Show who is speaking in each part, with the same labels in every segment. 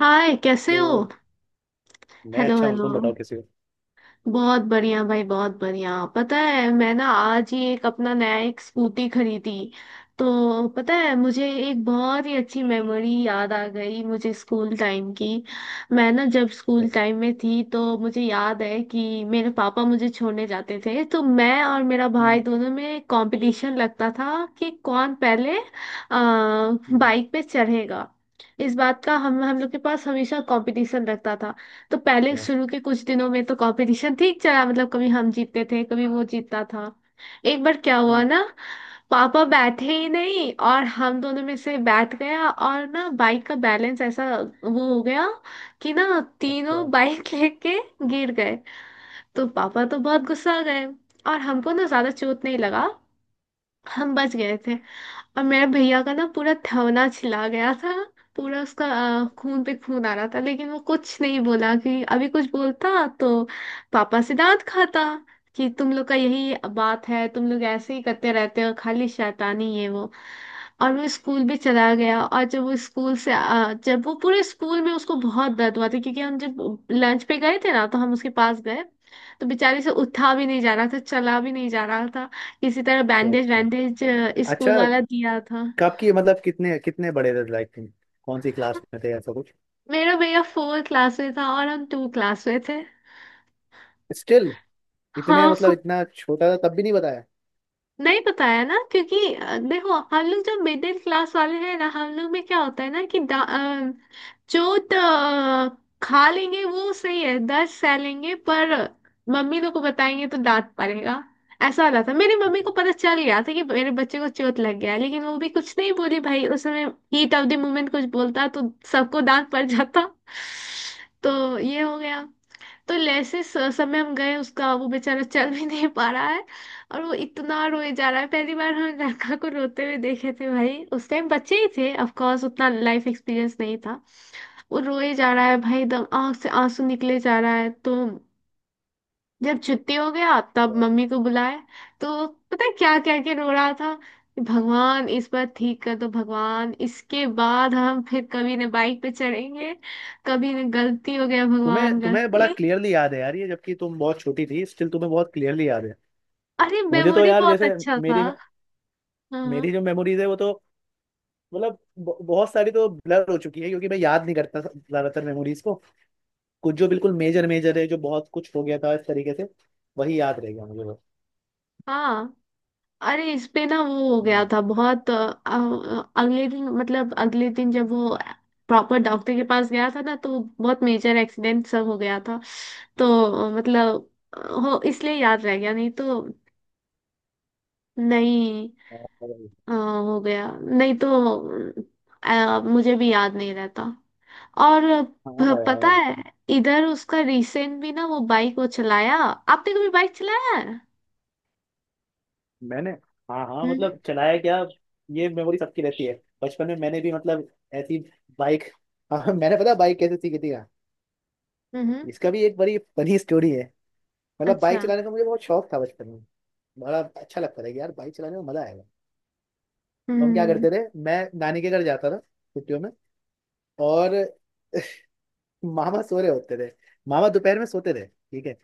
Speaker 1: हाय, कैसे
Speaker 2: हेलो।
Speaker 1: हो।
Speaker 2: मैं
Speaker 1: हेलो
Speaker 2: अच्छा हूँ,
Speaker 1: हेलो।
Speaker 2: तुम बताओ कैसे हो?
Speaker 1: बहुत बढ़िया भाई, बहुत बढ़िया। पता है, मैं ना आज ही एक अपना नया एक स्कूटी खरीदी। तो पता है, मुझे एक बहुत ही अच्छी मेमोरी याद आ गई मुझे स्कूल टाइम की। मैं ना जब स्कूल टाइम में थी, तो मुझे याद है कि मेरे पापा मुझे छोड़ने जाते थे, तो मैं और मेरा भाई
Speaker 2: हम्म।
Speaker 1: दोनों में कंपटीशन लगता था कि कौन पहले
Speaker 2: हम्म।
Speaker 1: बाइक पे चढ़ेगा। इस बात का हम लोग के पास हमेशा कंपटीशन रहता था। तो पहले
Speaker 2: अच्छा।
Speaker 1: शुरू के कुछ दिनों में तो कंपटीशन ठीक चला, मतलब कभी हम जीतते थे कभी वो जीतता था। एक बार क्या हुआ
Speaker 2: हम्म।
Speaker 1: ना, पापा बैठे ही नहीं और हम दोनों में से बैठ गया और ना बाइक का बैलेंस ऐसा वो हो गया कि ना तीनों
Speaker 2: अच्छा,
Speaker 1: बाइक लेके गिर गए। तो पापा तो बहुत गुस्सा गए और हमको ना ज्यादा चोट नहीं लगा, हम बच गए थे। और मेरे भैया का ना पूरा थवना छिला गया था, पूरा उसका। खून पे खून आ रहा था, लेकिन वो कुछ नहीं बोला कि अभी कुछ बोलता तो पापा से डांट खाता कि तुम लोग का यही बात है, तुम लोग ऐसे ही करते रहते हो, खाली शैतानी है वो। और वो स्कूल भी चला गया। और जब वो जब वो पूरे स्कूल में उसको बहुत दर्द हुआ था, क्योंकि हम जब लंच पे गए थे ना तो हम उसके पास गए। तो बेचारे से उठा भी नहीं जा रहा था, चला भी नहीं जा रहा था। किसी तरह
Speaker 2: अच्छा,
Speaker 1: बैंडेज
Speaker 2: अच्छा,
Speaker 1: वैंडेज स्कूल
Speaker 2: अच्छा।
Speaker 1: वाला दिया था।
Speaker 2: कब की? मतलब कितने कितने बड़े थे, लाइक तुम कौन सी क्लास में थे, ऐसा कुछ?
Speaker 1: मेरा भैया 4 क्लास में था और हम 2 क्लास में थे।
Speaker 2: स्टिल? इतने
Speaker 1: हाँ।
Speaker 2: मतलब इतना छोटा था तब भी नहीं बताया?
Speaker 1: नहीं बताया ना क्योंकि देखो, हम लोग जो मिडिल क्लास वाले हैं ना, हम लोग में क्या होता है ना कि जो खा लेंगे वो सही है, 10 सह लेंगे, पर मम्मी लोग को बताएंगे तो डांट पड़ेगा। ऐसा वाला था। मेरी मम्मी को पता चल गया था कि मेरे बच्चे को चोट लग गया है, लेकिन वो भी कुछ नहीं बोली भाई उस समय। हीट ऑफ द मोमेंट कुछ बोलता तो सबको डांट पड़ जाता। तो ये हो गया। तो जैसे समय हम गए, उसका वो बेचारा चल भी नहीं पा रहा है और वो इतना रोए जा रहा है। पहली बार हम लड़का को रोते हुए देखे थे भाई। उस टाइम बच्चे ही थे, ऑफ कोर्स, उतना लाइफ एक्सपीरियंस नहीं था। वो रोए जा रहा है भाई, एकदम आंख से आंसू निकले जा रहा है। तो जब छुट्टी हो गया तब
Speaker 2: अच्छा।
Speaker 1: मम्मी को बुलाए। तो पता है क्या क्या के रो रहा था कि भगवान इस बार ठीक कर दो, भगवान इसके बाद हम फिर कभी न बाइक पे चढ़ेंगे, कभी न गलती हो गया भगवान,
Speaker 2: तुम्हें तुम्हें बड़ा
Speaker 1: गलती।
Speaker 2: क्लियरली याद है यार ये, जबकि तुम बहुत छोटी थी, स्टिल तुम्हें बहुत क्लियरली याद है।
Speaker 1: अरे
Speaker 2: मुझे तो
Speaker 1: मेमोरी
Speaker 2: यार
Speaker 1: बहुत
Speaker 2: जैसे,
Speaker 1: अच्छा था।
Speaker 2: मेरी
Speaker 1: हाँ
Speaker 2: मेरी जो मेमोरीज है वो तो, मतलब बहुत सारी तो ब्लर हो चुकी है क्योंकि मैं याद नहीं करता ज्यादातर मेमोरीज को। कुछ जो बिल्कुल मेजर मेजर है, जो बहुत कुछ हो गया था इस तरीके से, वही याद रह गया मुझे बस।
Speaker 1: हाँ। अरे इस पे ना वो हो गया
Speaker 2: हम्म।
Speaker 1: था बहुत। अगले दिन, मतलब अगले दिन जब वो प्रॉपर डॉक्टर के पास गया था ना तो बहुत मेजर एक्सीडेंट सब हो गया था। तो मतलब हो इसलिए याद रह गया, नहीं तो नहीं।
Speaker 2: और-
Speaker 1: हो गया नहीं तो मुझे भी याद नहीं रहता। और
Speaker 2: हाँ
Speaker 1: पता
Speaker 2: यार।
Speaker 1: है, इधर उसका रिसेंट भी ना वो बाइक वो चलाया। आपने कभी बाइक चलाया
Speaker 2: मैंने। हाँ हाँ,
Speaker 1: है?
Speaker 2: मतलब चलाया क्या? ये मेमोरी सबकी रहती है, बचपन में मैंने भी, मतलब ऐसी बाइक। हाँ हाँ, मैंने पता बाइक कैसे सीखी थी क्या?
Speaker 1: हम्म।
Speaker 2: इसका भी एक बड़ी फनी स्टोरी है। मतलब बाइक
Speaker 1: अच्छा।
Speaker 2: चलाने का मुझे बहुत शौक था बचपन में। बड़ा अच्छा लगता था कि यार बाइक चलाने में मजा आएगा। तो हम क्या
Speaker 1: हम्म।
Speaker 2: करते थे, मैं नानी के घर जाता था छुट्टियों में। और मामा सो रहे होते थे। मामा दोपहर में सोते थे, ठीक है।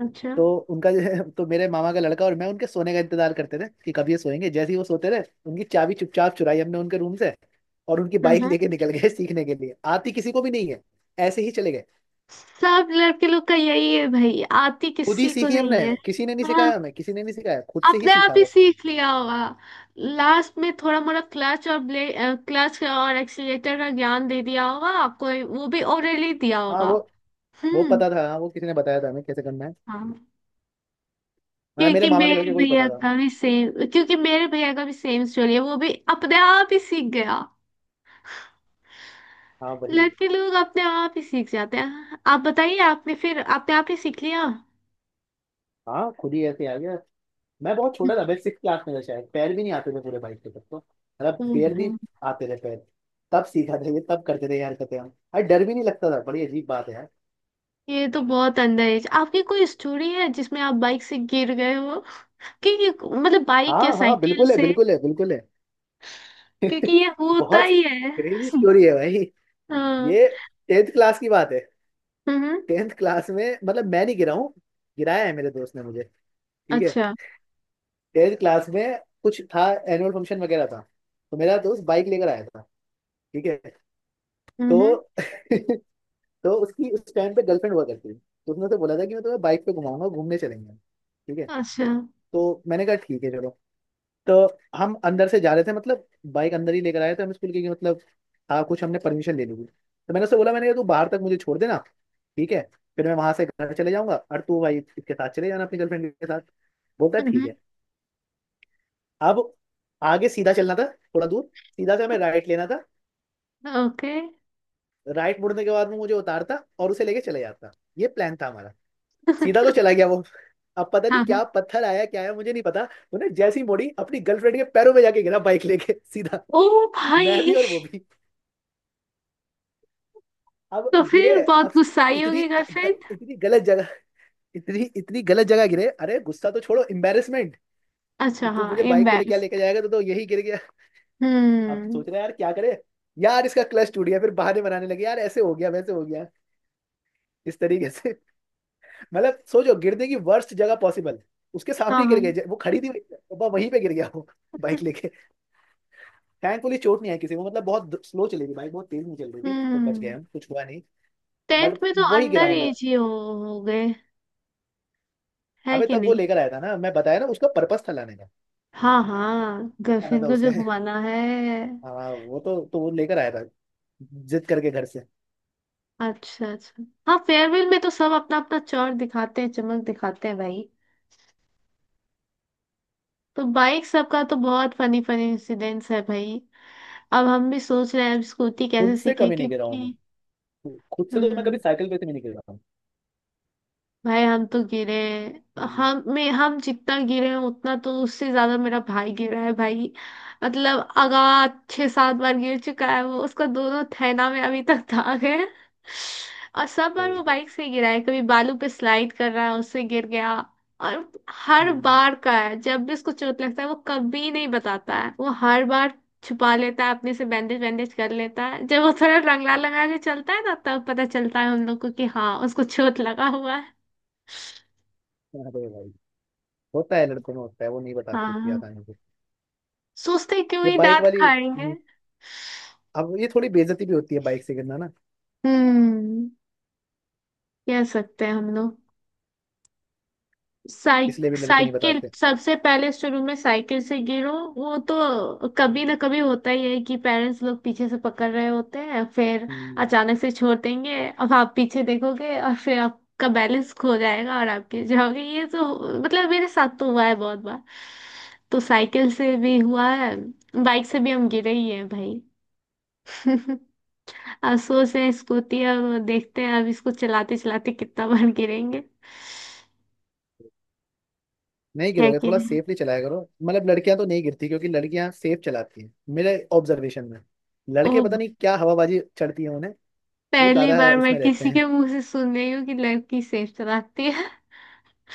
Speaker 1: अच्छा।
Speaker 2: तो उनका जो है, तो मेरे मामा का लड़का और मैं उनके सोने का इंतजार करते थे कि कब ये सोएंगे। जैसे ही वो सोते रहे, उनकी चाबी चुपचाप चुराई हमने उनके रूम से, और उनकी
Speaker 1: हाँ
Speaker 2: बाइक
Speaker 1: हाँ।
Speaker 2: लेके निकल गए सीखने के लिए, आती किसी को भी नहीं है। ऐसे ही चले गए।
Speaker 1: सब लड़के लोग का यही है भाई, आती
Speaker 2: खुद ही
Speaker 1: किसी को
Speaker 2: सीखी हमने।
Speaker 1: नहीं है।
Speaker 2: किसी ने नहीं
Speaker 1: हाँ।
Speaker 2: सिखाया हमें, किसी ने नहीं सिखाया, खुद से ही
Speaker 1: अपने आप
Speaker 2: सीखा
Speaker 1: ही
Speaker 2: बस।
Speaker 1: सीख लिया होगा। लास्ट में थोड़ा मोड़ा क्लच और ब्ले क्लच और एक्सीलेटर का ज्ञान दे दिया होगा आपको, वो भी ओरली दिया
Speaker 2: हाँ, वो
Speaker 1: होगा।
Speaker 2: वो
Speaker 1: हम्म।
Speaker 2: पता था, हाँ वो किसी ने बताया था हमें कैसे करना है।
Speaker 1: हाँ।
Speaker 2: मतलब मेरे मामा के लड़के को ही पता था।
Speaker 1: क्योंकि मेरे भैया का भी सेम स्टोरी है, वो भी अपने आप ही सीख गया।
Speaker 2: हाँ वही।
Speaker 1: लड़के लोग अपने आप ही सीख जाते हैं। आप बताइए, आपने फिर अपने आप ही सीख लिया?
Speaker 2: हाँ खुद ही ऐसे आ गया। मैं बहुत छोटा था, मैं 6 क्लास में था शायद, पैर भी नहीं आते थे पूरे बाइक के तब तो, मतलब
Speaker 1: ओ
Speaker 2: बेर भी
Speaker 1: भाई,
Speaker 2: आते थे पैर। तब सीखा था ये, तब करते थे यार, करते हम, अरे डर भी नहीं लगता था, बड़ी अजीब बात है यार।
Speaker 1: ये तो बहुत अंदर है। आपकी कोई स्टोरी है जिसमें आप बाइक से गिर गए हो? क्योंकि, मतलब बाइक
Speaker 2: हाँ
Speaker 1: या
Speaker 2: हाँ,
Speaker 1: साइकिल
Speaker 2: बिल्कुल है,
Speaker 1: से,
Speaker 2: बिल्कुल है, बिल्कुल है।
Speaker 1: क्योंकि ये होता
Speaker 2: बहुत
Speaker 1: ही है
Speaker 2: क्रेजी स्टोरी है भाई।
Speaker 1: हाँ।
Speaker 2: ये 10th क्लास की बात है।
Speaker 1: हम्म।
Speaker 2: 10th क्लास में, मतलब मैं नहीं गिरा हूँ, गिराया है मेरे दोस्त ने मुझे, ठीक है।
Speaker 1: अच्छा।
Speaker 2: 10th क्लास में कुछ था, एनुअल फंक्शन वगैरह था। तो मेरा दोस्त बाइक लेकर आया था, ठीक है। तो
Speaker 1: हम्म।
Speaker 2: तो उसकी उस टाइम पे गर्लफ्रेंड हुआ करती थी, तो उसने उसे बोला था कि मैं तुम्हें बाइक पे घुमाऊंगा, घूमने चलेंगे, ठीक है।
Speaker 1: अच्छा।
Speaker 2: तो मैंने कहा ठीक है, चलो। तो हम अंदर से जा रहे थे, मतलब बाइक अंदर ही लेकर आए थे हम स्कूल के, कि मतलब हाँ, कुछ हमने परमिशन ले ली थी। तो मैंने उससे बोला, मैंने कहा तू बाहर तक मुझे छोड़ देना, ठीक है। फिर मैं वहां से घर चले जाऊंगा और तू भाई इसके साथ चले जाना, अपनी गर्लफ्रेंड के साथ। बोलता है, ठीक
Speaker 1: हम्म।
Speaker 2: है। अब आगे सीधा चलना था, थोड़ा दूर, सीधा से हमें राइट लेना था।
Speaker 1: ओके।
Speaker 2: राइट मुड़ने के बाद वो मुझे उतारता और उसे लेके चले जाता, ये प्लान था हमारा। सीधा तो चला गया वो। अब पता नहीं
Speaker 1: हाँ हाँ।
Speaker 2: क्या पत्थर आया क्या आया, मुझे नहीं पता। उन्हें जैसी मोड़ी, अपनी गर्लफ्रेंड के पैरों में जाके गिरा बाइक लेके सीधा।
Speaker 1: ओ
Speaker 2: मैं भी
Speaker 1: भाई,
Speaker 2: और वो भी। अब
Speaker 1: तो
Speaker 2: गिरे।
Speaker 1: फिर बहुत
Speaker 2: अब
Speaker 1: गुस्साई
Speaker 2: इतनी,
Speaker 1: होगी गर्लफ्रेंड।
Speaker 2: इतनी गलत जगह, इतनी इतनी गलत जगह गिरे, अरे गुस्सा तो छोड़ो, एम्बेरसमेंट। कि
Speaker 1: अच्छा,
Speaker 2: तू
Speaker 1: हाँ
Speaker 2: मुझे बाइक पे लेके
Speaker 1: एम्बेस।
Speaker 2: लेके जाएगा तो, यही गिर गया। अब
Speaker 1: हम्म।
Speaker 2: सोच रहे हैं यार क्या करे, यार इसका क्लच टूट गया, फिर बहाने बनाने लगे यार, ऐसे हो गया वैसे हो गया, इस तरीके से। मतलब सोचो गिरने की वर्स्ट जगह पॉसिबल, उसके सामने
Speaker 1: हाँ
Speaker 2: ही गिर
Speaker 1: हाँ।
Speaker 2: गए, वो खड़ी थी। वो वहीं पे गिर गया वो, बाइक लेके। थैंकफुली चोट नहीं आई किसी को, मतलब बहुत स्लो चली थी बाइक, बहुत तेज नहीं चल रही थी, तो बच गए
Speaker 1: हम्म।
Speaker 2: हम, कुछ हुआ नहीं।
Speaker 1: 10th
Speaker 2: बट
Speaker 1: में तो
Speaker 2: वही गिरा
Speaker 1: अंदर
Speaker 2: हूँ मैं।
Speaker 1: एज ही हो गए है
Speaker 2: अबे
Speaker 1: कि
Speaker 2: तब वो
Speaker 1: नहीं?
Speaker 2: लेकर आया था ना, मैं बताया ना, उसका पर्पस था लाने का।
Speaker 1: हाँ हाँ,
Speaker 2: लाना
Speaker 1: गर्लफ्रेंड
Speaker 2: था
Speaker 1: को
Speaker 2: उसे।
Speaker 1: जो घुमाना है।
Speaker 2: हाँ, वो तो, वो लेकर आया था, जिद करके घर से।
Speaker 1: अच्छा अच्छा, हाँ फेयरवेल में तो सब अपना अपना चौर दिखाते हैं, चमक दिखाते हैं भाई। तो बाइक सबका तो बहुत फनी फनी इंसिडेंट्स है भाई। अब हम भी सोच रहे हैं अब स्कूटी कैसे
Speaker 2: खुद से
Speaker 1: सीखे,
Speaker 2: कभी नहीं गिरा हूँ मैं,
Speaker 1: क्योंकि
Speaker 2: खुद से तो मैं कभी
Speaker 1: हम्म।
Speaker 2: साइकिल पे से भी नहीं गिरा हूँ।
Speaker 1: भाई हम तो गिरे।
Speaker 2: हम्म।
Speaker 1: हम जितना गिरे हैं उतना तो उससे ज्यादा मेरा भाई गिरा है भाई। मतलब आगा, 6-7 बार गिर चुका है वो। उसका दोनों थैना में अभी तक दाग है। और सब बार
Speaker 2: अरे
Speaker 1: वो
Speaker 2: भाई।
Speaker 1: बाइक से गिरा है, कभी बालू पे स्लाइड कर रहा है उससे गिर गया। और हर
Speaker 2: हम्म।
Speaker 1: बार का है, जब भी उसको चोट लगता है वो कभी नहीं बताता है, वो हर बार छुपा लेता है अपने से बैंडेज बैंडेज कर लेता है। जब वो थोड़ा रंगला लगा के चलता है ना तब पता चलता है हम लोग को कि हाँ उसको चोट लगा हुआ है।
Speaker 2: अरे भाई। होता है लड़कों में होता है, वो नहीं बताती इतनी
Speaker 1: हाँ।
Speaker 2: आसानी से।
Speaker 1: सोचते क्यों
Speaker 2: ये
Speaker 1: ही
Speaker 2: बाइक
Speaker 1: दांत
Speaker 2: वाली,
Speaker 1: खाएंगे।
Speaker 2: हम्म। अब ये थोड़ी बेइज्जती भी होती है बाइक से गिरना ना।
Speaker 1: हम्म। कह सकते हैं हम लोग।
Speaker 2: इसलिए भी लड़के नहीं
Speaker 1: साइकिल
Speaker 2: बताते।
Speaker 1: सबसे पहले, शुरू में साइकिल से गिरो, वो तो कभी ना कभी होता ही है कि पेरेंट्स लोग पीछे से पकड़ रहे होते हैं, फिर
Speaker 2: हम्म।
Speaker 1: अचानक से छोड़ देंगे, अब आप पीछे देखोगे और फिर आपका बैलेंस खो जाएगा और आप गिर जाओगे। ये तो, मतलब मेरे साथ तो हुआ है बहुत बार। तो साइकिल से भी हुआ है, बाइक से भी हम गिरे ही हैं भाई अब सोच रहे हैं स्कूटी, अब देखते हैं अब इसको चलाते चलाते कितना बार गिरेंगे।
Speaker 2: नहीं
Speaker 1: है
Speaker 2: गिरोगे,
Speaker 1: कि
Speaker 2: थोड़ा
Speaker 1: नहीं?
Speaker 2: सेफली चलाया करो, मतलब लड़कियां तो नहीं गिरती क्योंकि लड़कियां सेफ चलाती हैं मेरे ऑब्जर्वेशन में।
Speaker 1: ओ,
Speaker 2: लड़के पता नहीं क्या हवाबाजी चढ़ती है उन्हें, वो
Speaker 1: पहली
Speaker 2: ज्यादा
Speaker 1: बार मैं
Speaker 2: उसमें रहते
Speaker 1: किसी
Speaker 2: हैं।
Speaker 1: के मुंह से सुन रही हूँ कि लड़की सेफ चलाती है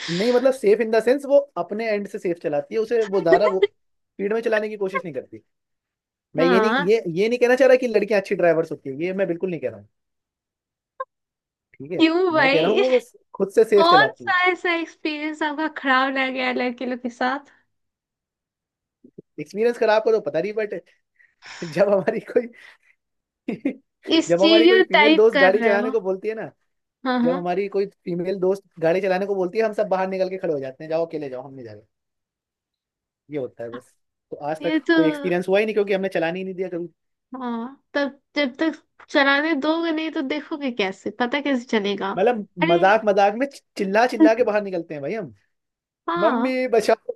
Speaker 2: नहीं, मतलब सेफ इन द सेंस, वो अपने एंड से सेफ चलाती है, उसे वो ज्यादा, वो स्पीड में चलाने की कोशिश नहीं करती। मैं ये नहीं,
Speaker 1: हाँ,
Speaker 2: ये नहीं कहना चाह रहा कि लड़कियां अच्छी ड्राइवर्स होती है, ये मैं बिल्कुल नहीं कह रहा हूँ, ठीक है।
Speaker 1: क्यों
Speaker 2: मैं कह रहा हूँ
Speaker 1: भाई?
Speaker 2: वो बस खुद से सेफ
Speaker 1: कौन
Speaker 2: चलाती है।
Speaker 1: सा ऐसा एक्सपीरियंस आपका खराब रह गया है लड़के लोग के साथ?
Speaker 2: एक्सपीरियंस खराब करो, पता नहीं बट, जब हमारी कोई जब हमारी कोई
Speaker 1: स्टीरियो
Speaker 2: फीमेल
Speaker 1: टाइप
Speaker 2: दोस्त
Speaker 1: कर
Speaker 2: गाड़ी
Speaker 1: रहे
Speaker 2: चलाने
Speaker 1: हो।
Speaker 2: को बोलती है ना,
Speaker 1: हाँ
Speaker 2: जब
Speaker 1: हाँ।
Speaker 2: हमारी कोई फीमेल दोस्त गाड़ी चलाने को बोलती है, हम सब बाहर निकल के खड़े हो जाते हैं, जाओ अकेले जाओ, हम नहीं जा रहे। ये होता है बस। तो आज
Speaker 1: ये
Speaker 2: तक
Speaker 1: तो,
Speaker 2: कोई एक्सपीरियंस हुआ ही नहीं क्योंकि हमने चलाने ही नहीं दिया कभी,
Speaker 1: हाँ, तब जब तक चलाने दोगे नहीं तो देखोगे कैसे, पता कैसे चलेगा।
Speaker 2: मतलब
Speaker 1: अरे।
Speaker 2: मजाक मजाक में चिल्ला चिल्ला के बाहर निकलते हैं भाई हम,
Speaker 1: हाँ।
Speaker 2: मम्मी बचाओ,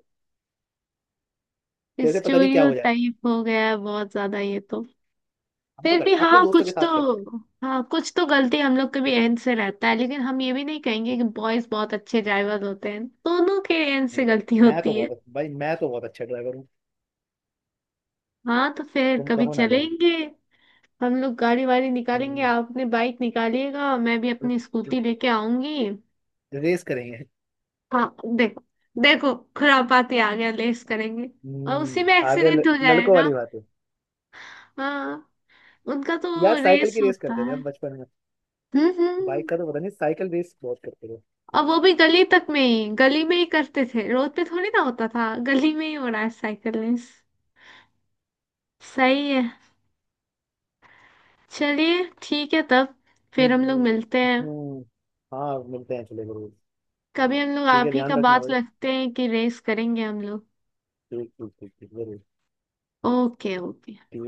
Speaker 2: जैसे पता नहीं क्या हो जाए।
Speaker 1: स्टीरियोटाइप हो गया है बहुत ज्यादा ये तो।
Speaker 2: हम तो
Speaker 1: फिर भी
Speaker 2: करते अपने
Speaker 1: हाँ
Speaker 2: दोस्तों के
Speaker 1: कुछ
Speaker 2: साथ
Speaker 1: तो,
Speaker 2: करते हैं।
Speaker 1: हाँ कुछ तो गलती हम लोग के भी एंड से रहता है, लेकिन हम ये भी नहीं कहेंगे कि बॉयज बहुत अच्छे ड्राइवर होते हैं, दोनों के एंड से
Speaker 2: नहीं
Speaker 1: गलती
Speaker 2: भाई, मैं तो
Speaker 1: होती है।
Speaker 2: बहुत भाई, मैं तो बहुत अच्छा ड्राइवर हूँ।
Speaker 1: हाँ तो फिर
Speaker 2: तुम
Speaker 1: कभी
Speaker 2: कहो ना कहो।
Speaker 1: चलेंगे, हम लोग गाड़ी वाड़ी निकालेंगे,
Speaker 2: हम्म।
Speaker 1: आप अपनी बाइक निकालिएगा, मैं भी अपनी स्कूटी लेके आऊंगी।
Speaker 2: रेस करेंगे।
Speaker 1: हाँ देखो, देखो खुरापाती आ गया, लेस करेंगे और उसी
Speaker 2: हम्म।
Speaker 1: में
Speaker 2: आगे
Speaker 1: एक्सीडेंट हो
Speaker 2: लड़कों
Speaker 1: जाएगा।
Speaker 2: वाली बात है।
Speaker 1: हाँ, उनका तो
Speaker 2: यार साइकिल
Speaker 1: रेस
Speaker 2: की रेस
Speaker 1: होता
Speaker 2: करते थे
Speaker 1: है।
Speaker 2: हम बचपन में। बाइक
Speaker 1: हम्म।
Speaker 2: का तो पता नहीं, साइकिल रेस बहुत करते थे।
Speaker 1: और वो भी गली तक में ही, गली में ही करते थे, रोड पे थोड़ी ना होता था, गली में ही हो रहा है साइकिलिंग। सही है। चलिए, ठीक है तब, फिर हम लोग
Speaker 2: हम्म।
Speaker 1: मिलते हैं।
Speaker 2: हम्म। हाँ मिलते हैं, चले जरूर।
Speaker 1: कभी हम लोग
Speaker 2: ठीक
Speaker 1: आप
Speaker 2: है
Speaker 1: ही का
Speaker 2: ध्यान रखना
Speaker 1: बात
Speaker 2: भाई।
Speaker 1: रखते हैं कि रेस करेंगे हम लोग।
Speaker 2: ठीक, ठीक, ठीक, ठीक, जरूर।
Speaker 1: Okay okay.
Speaker 2: ठीक।